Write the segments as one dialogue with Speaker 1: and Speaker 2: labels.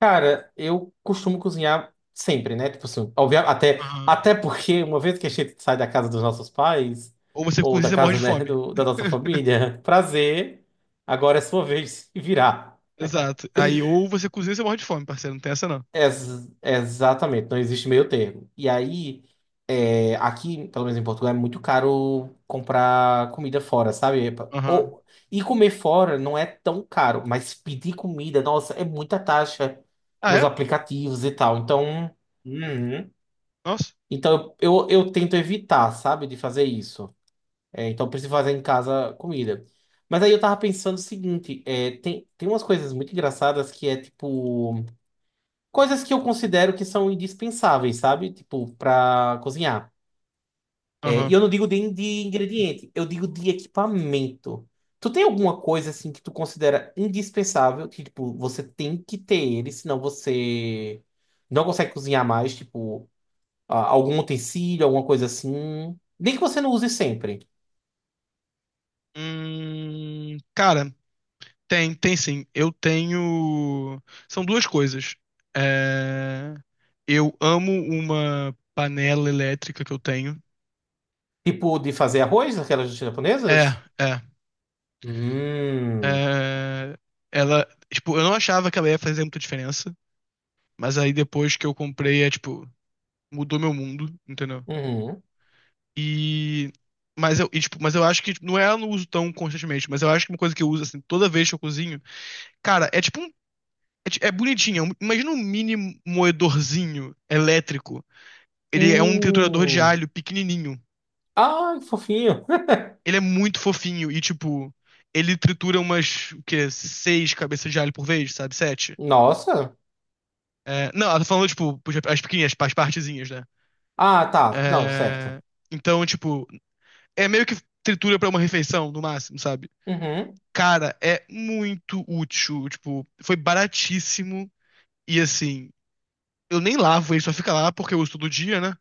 Speaker 1: Cara, eu costumo cozinhar sempre, né? Tipo assim, até,
Speaker 2: Aham.
Speaker 1: até porque uma vez que a gente sai da casa dos nossos pais,
Speaker 2: Ou você
Speaker 1: ou
Speaker 2: cozinha e
Speaker 1: da
Speaker 2: você morre de
Speaker 1: casa, né,
Speaker 2: fome.
Speaker 1: da nossa família, prazer, agora é sua vez de se virar.
Speaker 2: Exato. Aí, ou você cozinha e você morre de fome, parceiro. Não tem essa, não.
Speaker 1: Exatamente, não existe meio termo. E aí, aqui, pelo menos em Portugal, é muito caro comprar comida fora, sabe?
Speaker 2: Aham.
Speaker 1: Ou, e comer fora não é tão caro, mas pedir comida, nossa, é muita taxa
Speaker 2: Ah,
Speaker 1: nos
Speaker 2: é?
Speaker 1: aplicativos e tal. Então, uhum.
Speaker 2: Nossa.
Speaker 1: Então eu tento evitar, sabe, de fazer isso. Então, eu preciso fazer em casa comida. Mas aí eu tava pensando o seguinte, tem umas coisas muito engraçadas que é tipo. Coisas que eu considero que são indispensáveis, sabe? Tipo, pra cozinhar. E
Speaker 2: Aham.
Speaker 1: eu não digo de ingrediente, eu digo de equipamento. Tu tem alguma coisa assim que tu considera indispensável, que tipo, você tem que ter ele, senão você não consegue cozinhar mais, tipo, algum utensílio, alguma coisa assim. Nem que você não use sempre.
Speaker 2: Cara, tem sim. Eu tenho. São duas coisas. É... Eu amo uma panela elétrica que eu tenho.
Speaker 1: Tipo, de fazer arroz, aquelas
Speaker 2: É,
Speaker 1: japonesas?
Speaker 2: é.
Speaker 1: Hum.
Speaker 2: é... Ela. Tipo, eu não achava que ela ia fazer muita diferença. Mas aí depois que eu comprei, é tipo, mudou meu mundo, entendeu?
Speaker 1: Uhum.
Speaker 2: E. mas eu acho que tipo, não é, eu não uso tão constantemente, mas eu acho que uma coisa que eu uso assim toda vez que eu cozinho, cara, é tipo um. É, é bonitinho. Imagina um mini moedorzinho elétrico. Ele é um triturador de
Speaker 1: Hum.
Speaker 2: alho pequenininho.
Speaker 1: Ai, que fofinho.
Speaker 2: Ele é muito fofinho e, tipo, ele tritura umas, o quê? Seis cabeças de alho por vez, sabe? Sete.
Speaker 1: Nossa.
Speaker 2: É, não, ela tá falando, tipo, as pequenas, as partezinhas, né?
Speaker 1: Ah, tá. Não, certo.
Speaker 2: É, então, tipo, é meio que tritura pra uma refeição, no máximo, sabe?
Speaker 1: Uhum.
Speaker 2: Cara, é muito útil. Tipo, foi baratíssimo. E assim, eu nem lavo ele, só fica lá porque eu uso todo dia, né?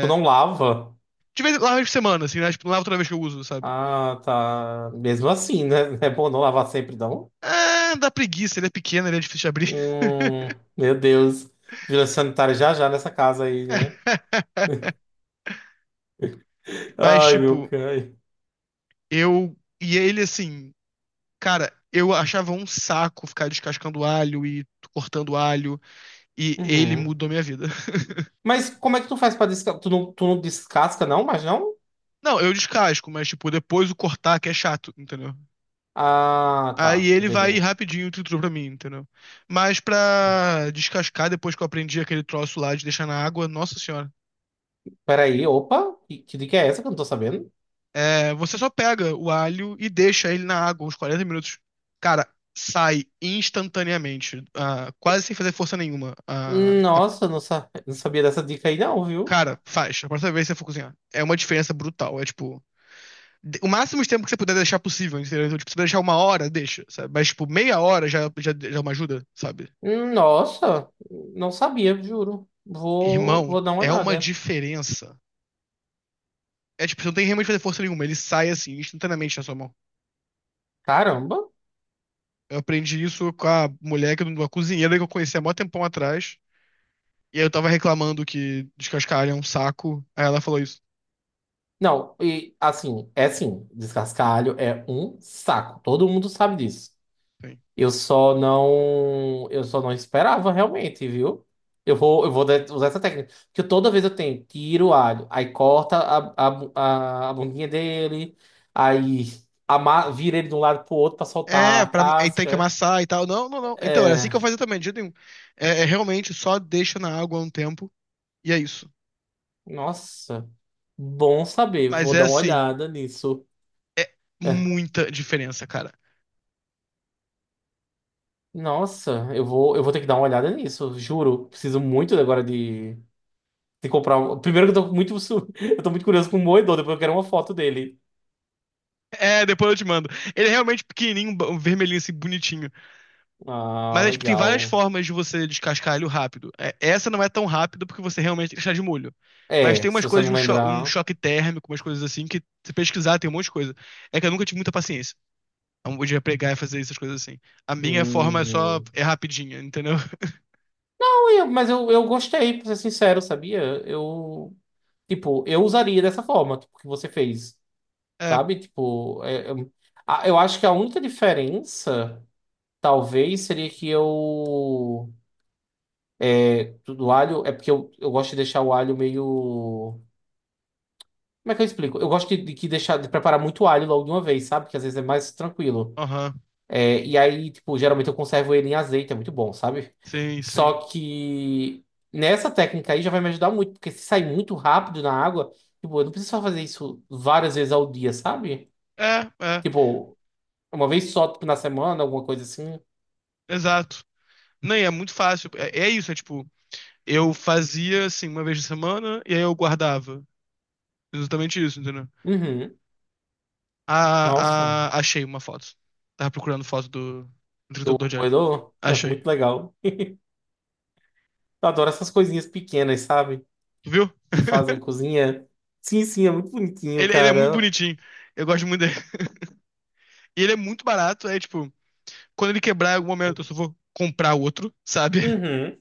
Speaker 1: Tu não lava?
Speaker 2: de vez lavo por semana, assim, né? Tipo, não lavo toda vez que eu uso, sabe?
Speaker 1: Ah, tá. Mesmo assim, né? É bom não lavar sempre, não?
Speaker 2: Ah, dá preguiça, ele é pequeno, ele é difícil de abrir.
Speaker 1: Hum, meu Deus. Vigilância sanitária já já nessa casa aí, né?
Speaker 2: Mas,
Speaker 1: Ai, meu
Speaker 2: tipo,
Speaker 1: cai.
Speaker 2: eu. E ele, assim, cara, eu achava um saco ficar descascando alho e cortando alho. E ele
Speaker 1: Uhum.
Speaker 2: mudou minha vida.
Speaker 1: Mas como é que tu faz pra descascar? Tu não descasca, não? Mas não?
Speaker 2: Não, eu descasco, mas, tipo, depois o cortar que é chato, entendeu?
Speaker 1: Ah,
Speaker 2: Aí
Speaker 1: tá.
Speaker 2: ele vai
Speaker 1: Entendi.
Speaker 2: rapidinho triturou pra mim, entendeu? Mas pra descascar, depois que eu aprendi aquele troço lá de deixar na água, nossa senhora.
Speaker 1: Peraí, opa. Que dica é essa que eu não tô sabendo?
Speaker 2: É, você só pega o alho e deixa ele na água uns 40 minutos. Cara, sai instantaneamente, ah, quase sem fazer força nenhuma. Ah,
Speaker 1: Nossa, não, não sabia dessa dica aí, não, viu?
Speaker 2: cara, faz. A próxima vez que você for cozinhar. É uma diferença brutal. É tipo. O máximo de tempo que você puder deixar possível, entendeu? Então, tipo, se você deixar uma hora, deixa, sabe? Mas, tipo, meia hora já é uma ajuda, sabe?
Speaker 1: Nossa, não sabia, juro. Vou,
Speaker 2: Irmão,
Speaker 1: vou dar uma
Speaker 2: é uma
Speaker 1: olhada.
Speaker 2: diferença. É tipo, você não tem realmente que fazer força nenhuma, ele sai assim, instantaneamente na sua mão.
Speaker 1: Caramba.
Speaker 2: Eu aprendi isso com a mulher, uma cozinheira que eu conheci há mó tempão atrás. E aí eu tava reclamando que descascar alho é um saco. Aí ela falou isso.
Speaker 1: Não, e assim, é assim, descascalho é um saco. Todo mundo sabe disso.
Speaker 2: Sim.
Speaker 1: Eu só não esperava realmente, viu? Eu vou usar essa técnica. Porque toda vez eu tenho, tiro o alho, aí corta a bundinha dele, aí vira ele de um lado pro outro pra soltar
Speaker 2: É,
Speaker 1: a
Speaker 2: aí tem que
Speaker 1: casca.
Speaker 2: amassar e tal. Não, não, não. Então, era assim
Speaker 1: É,
Speaker 2: que eu fazia também, de jeito nenhum. É, realmente só deixa na água um tempo e é isso.
Speaker 1: Nossa. Bom saber,
Speaker 2: Mas
Speaker 1: vou
Speaker 2: é
Speaker 1: dar uma
Speaker 2: assim,
Speaker 1: olhada nisso. É.
Speaker 2: muita diferença, cara.
Speaker 1: Nossa, eu vou ter que dar uma olhada nisso, juro. Preciso muito agora de comprar. Primeiro que eu tô muito, eu tô muito curioso com o moedor, depois eu quero uma foto dele.
Speaker 2: É, depois eu te mando. Ele é realmente pequenininho, vermelhinho assim, bonitinho.
Speaker 1: Ah,
Speaker 2: Mas é, tipo, tem várias
Speaker 1: legal.
Speaker 2: formas de você descascar ele rápido. É, essa não é tão rápida porque você realmente tem que deixar de molho. Mas
Speaker 1: É,
Speaker 2: tem
Speaker 1: se
Speaker 2: umas
Speaker 1: você
Speaker 2: coisas de
Speaker 1: não
Speaker 2: um
Speaker 1: lembrar.
Speaker 2: choque térmico, umas coisas assim, que se pesquisar tem um monte de coisa. É que eu nunca tive muita paciência. Então, podia pegar e fazer essas coisas assim. A minha forma é só,
Speaker 1: Hum.
Speaker 2: é rapidinha, entendeu?
Speaker 1: Não, mas eu gostei, pra ser sincero, sabia? Eu, tipo, eu usaria dessa forma, tipo, que você fez,
Speaker 2: É,
Speaker 1: sabe? Tipo, eu acho que a única diferença, talvez, seria que eu. Tudo alho é porque eu gosto de deixar o alho meio. Como é que eu explico? Eu gosto de, de preparar muito alho logo de uma vez, sabe? Que às vezes é mais tranquilo.
Speaker 2: aham,
Speaker 1: E aí, tipo, geralmente eu conservo ele em azeite, é muito bom, sabe?
Speaker 2: sim,
Speaker 1: Só
Speaker 2: sim.
Speaker 1: que nessa técnica aí já vai me ajudar muito, porque se sair muito rápido na água, tipo, eu não preciso só fazer isso várias vezes ao dia, sabe?
Speaker 2: É, é,
Speaker 1: Tipo, uma vez só, tipo, na semana, alguma coisa assim.
Speaker 2: exato. Não, e é muito fácil. É, é isso, é tipo, eu fazia assim uma vez na semana e aí eu guardava. Exatamente isso, entendeu?
Speaker 1: Uhum.
Speaker 2: Ah,
Speaker 1: Nossa,
Speaker 2: ah, achei uma foto. Tava procurando foto do
Speaker 1: do
Speaker 2: entregador de olho.
Speaker 1: moedor,
Speaker 2: Achei.
Speaker 1: muito legal. Eu adoro essas coisinhas pequenas, sabe?
Speaker 2: Tu viu?
Speaker 1: Que fazem cozinha. Sim, sim, é muito bonitinho,
Speaker 2: Ele é muito
Speaker 1: cara.
Speaker 2: bonitinho. Eu gosto muito dele. E ele é muito barato. É tipo, quando ele quebrar em algum momento, eu só vou comprar outro, sabe?
Speaker 1: Uhum.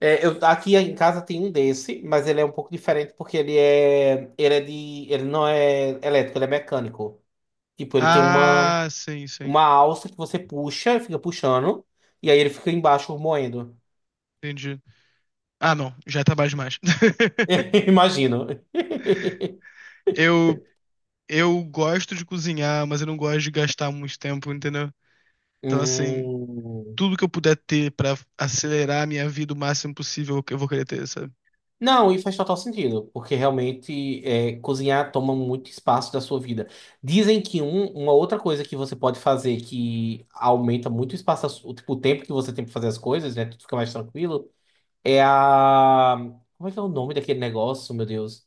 Speaker 1: Eu, aqui em casa tem um desse, mas ele é um pouco diferente porque ele não é elétrico, ele é mecânico. Tipo, ele tem uma,
Speaker 2: Ah, sim, sim.
Speaker 1: uma alça que você puxa, fica puxando, e aí ele fica embaixo moendo.
Speaker 2: Entendi. Ah, não. Já tá baixo demais.
Speaker 1: Imagino.
Speaker 2: Eu, eu gosto de cozinhar, mas eu não gosto de gastar muito tempo, entendeu? Então, assim,
Speaker 1: Hum.
Speaker 2: tudo que eu puder ter pra acelerar a minha vida o máximo possível, eu vou querer ter, sabe?
Speaker 1: Não, e faz total sentido, porque realmente cozinhar toma muito espaço da sua vida. Dizem que uma outra coisa que você pode fazer que aumenta muito o espaço, tipo, o tempo que você tem para fazer as coisas, né? Tudo fica mais tranquilo. É a. Como é que é o nome daquele negócio, meu Deus?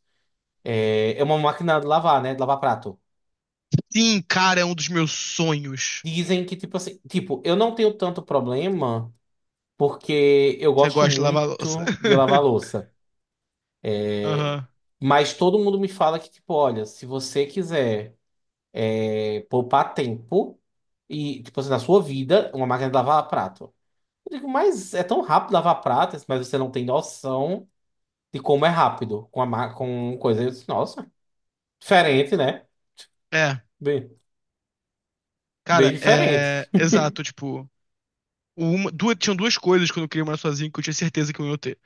Speaker 1: É uma máquina de lavar, né? De lavar prato.
Speaker 2: Sim, cara, é um dos meus sonhos.
Speaker 1: Dizem que, tipo assim, tipo, eu não tenho tanto problema porque eu
Speaker 2: Você
Speaker 1: gosto
Speaker 2: gosta de lavar louça.
Speaker 1: muito de lavar louça.
Speaker 2: Aham.
Speaker 1: Mas todo mundo me fala que, tipo, olha, se você quiser. Poupar tempo e, tipo assim, na sua vida, uma máquina de lavar prato. Eu digo, mas é tão rápido lavar prato, mas você não tem noção de como é rápido com com coisa. Eu disse, nossa, diferente, né?
Speaker 2: É,
Speaker 1: Bem, bem
Speaker 2: cara,
Speaker 1: diferente.
Speaker 2: é. Exato, tipo. Uma, duas, tinham duas coisas quando eu queria morar sozinho que eu tinha certeza que eu ia ter.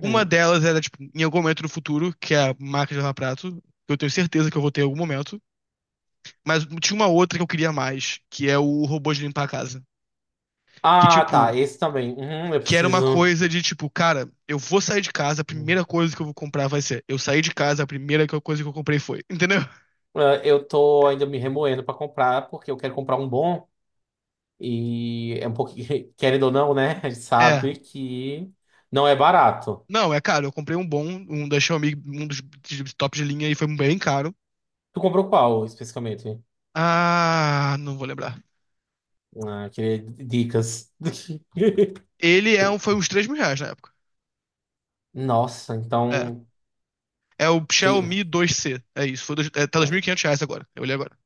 Speaker 2: Uma delas era, tipo, em algum momento no futuro, que é a máquina de lavar prato, que eu tenho certeza que eu vou ter em algum momento. Mas tinha uma outra que eu queria mais, que é o robô de limpar a casa. Que,
Speaker 1: Ah, tá,
Speaker 2: tipo,
Speaker 1: esse também. Uhum, eu
Speaker 2: que era uma
Speaker 1: preciso.
Speaker 2: coisa de, tipo, cara, eu vou sair de casa, a
Speaker 1: Uhum.
Speaker 2: primeira coisa que eu vou comprar vai ser. Eu saí de casa, a primeira coisa que eu comprei foi. Entendeu?
Speaker 1: Ah, eu tô ainda me remoendo pra comprar, porque eu quero comprar um bom. E é um pouquinho, querendo ou não, né? A gente
Speaker 2: É,
Speaker 1: sabe que não é barato.
Speaker 2: não, é caro. Eu comprei um bom, um da Xiaomi, um dos de top de linha e foi bem caro.
Speaker 1: Tu comprou qual especificamente?
Speaker 2: Ah, não vou lembrar.
Speaker 1: Ah, eu queria dicas.
Speaker 2: Ele é um, foi uns R$ 3.000 na época.
Speaker 1: Nossa,
Speaker 2: É.
Speaker 1: então.
Speaker 2: É o
Speaker 1: Tem...
Speaker 2: Xiaomi 2C. É isso. Tá dois mil
Speaker 1: é,
Speaker 2: e quinhentos reais agora. Eu olhei agora.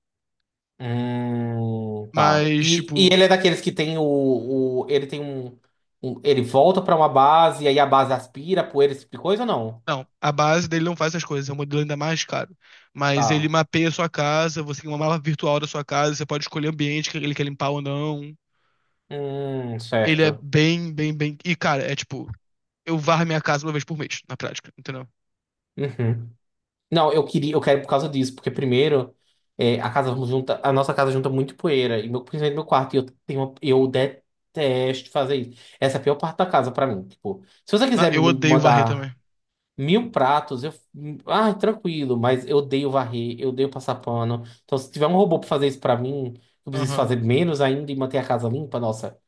Speaker 1: Tá.
Speaker 2: Mas,
Speaker 1: E
Speaker 2: tipo,
Speaker 1: ele é daqueles que tem o ele tem ele volta pra uma base e aí a base aspira poeira, esse tipo de coisa ou não?
Speaker 2: não. A base dele não faz essas coisas. É um modelo ainda mais caro. Mas ele
Speaker 1: Tá.
Speaker 2: mapeia a sua casa. Você tem uma mala virtual da sua casa. Você pode escolher o ambiente que ele quer limpar ou não. Ele é
Speaker 1: Certo.
Speaker 2: bem, bem, bem. E, cara, é tipo, eu varro minha casa uma vez por mês, na prática, entendeu?
Speaker 1: Uhum. Não, eu queria, eu quero por causa disso, porque primeiro a nossa casa junta muito poeira e meu, principalmente meu quarto, e eu tenho eu detesto fazer isso. Essa é a pior parte da casa pra mim, tipo, se você quiser
Speaker 2: Eu
Speaker 1: me
Speaker 2: odeio varrer
Speaker 1: mandar
Speaker 2: também.
Speaker 1: Mil pratos, eu. Ai, tranquilo, mas eu odeio varrer, eu odeio passar pano. Então, se tiver um robô pra fazer isso pra mim, eu preciso
Speaker 2: Aham.
Speaker 1: fazer menos ainda e manter a casa limpa, nossa.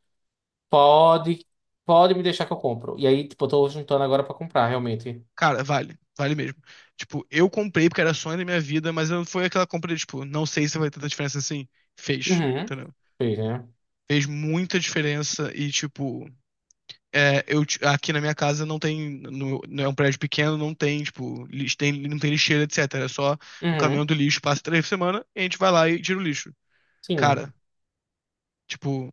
Speaker 1: Pode, pode me deixar que eu compro. E aí, tipo, eu tô juntando agora pra comprar, realmente.
Speaker 2: Cara, vale. Vale mesmo. Tipo, eu comprei porque era sonho da minha vida, mas não foi aquela compra de, tipo, não sei se vai ter tanta diferença assim. Fez,
Speaker 1: Uhum.
Speaker 2: entendeu?
Speaker 1: Fez, né?
Speaker 2: Fez muita diferença e, tipo, aqui na minha casa não tem, não é um prédio pequeno, não tem, tipo, não tem lixeira, etc. É só o caminhão
Speaker 1: Uhum.
Speaker 2: do lixo passa três por semana e a gente vai lá e tira o lixo. Cara,
Speaker 1: Sim.
Speaker 2: tipo,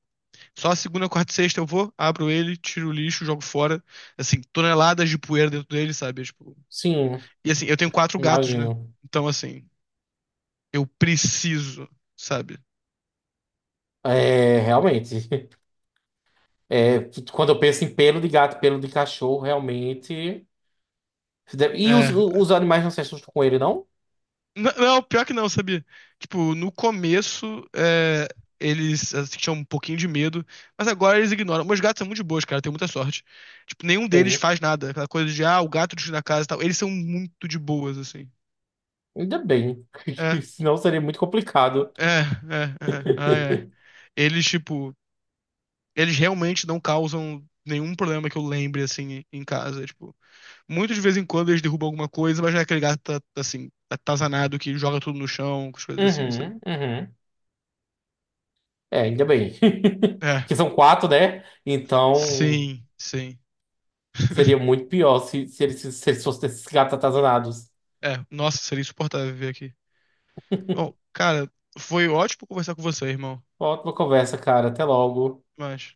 Speaker 2: só segunda, quarta e sexta eu vou, abro ele, tiro o lixo, jogo fora. Assim, toneladas de poeira dentro dele, sabe?
Speaker 1: Sim,
Speaker 2: E assim, eu tenho quatro gatos, né?
Speaker 1: imagino.
Speaker 2: Então, assim, eu preciso, sabe?
Speaker 1: É, realmente. É, quando eu penso em pelo de gato, pelo de cachorro, realmente. E os,
Speaker 2: É.
Speaker 1: os animais não se assustam com ele, não?
Speaker 2: Não, pior que não, sabia? Tipo, no começo, eles assim, tinham um pouquinho de medo, mas agora eles ignoram. Meus gatos são muito de boas, cara, eu tenho muita sorte. Tipo, nenhum deles
Speaker 1: Bem.
Speaker 2: faz nada. Aquela coisa de, ah, o gato destruiu a casa e tal. Eles são muito de boas, assim.
Speaker 1: Ainda bem,
Speaker 2: É,
Speaker 1: senão seria muito complicado.
Speaker 2: é, é, é. Ah, é. Eles, tipo, eles realmente não causam nenhum problema que eu lembre, assim, em casa, tipo. Muito de vez em quando eles derrubam alguma coisa, mas já é aquele gato tá, assim, atazanado que joga tudo no chão, com as coisas assim, sabe?
Speaker 1: Uhum, uhum. É, ainda bem.
Speaker 2: É,
Speaker 1: Porque são quatro, né? Então
Speaker 2: sim, sim.
Speaker 1: seria muito pior se eles fossem esses gatos atazanados.
Speaker 2: É, nossa, seria insuportável viver aqui. Bom, cara, foi ótimo conversar com você, irmão.
Speaker 1: Ótima conversa, cara. Até logo.
Speaker 2: Mas.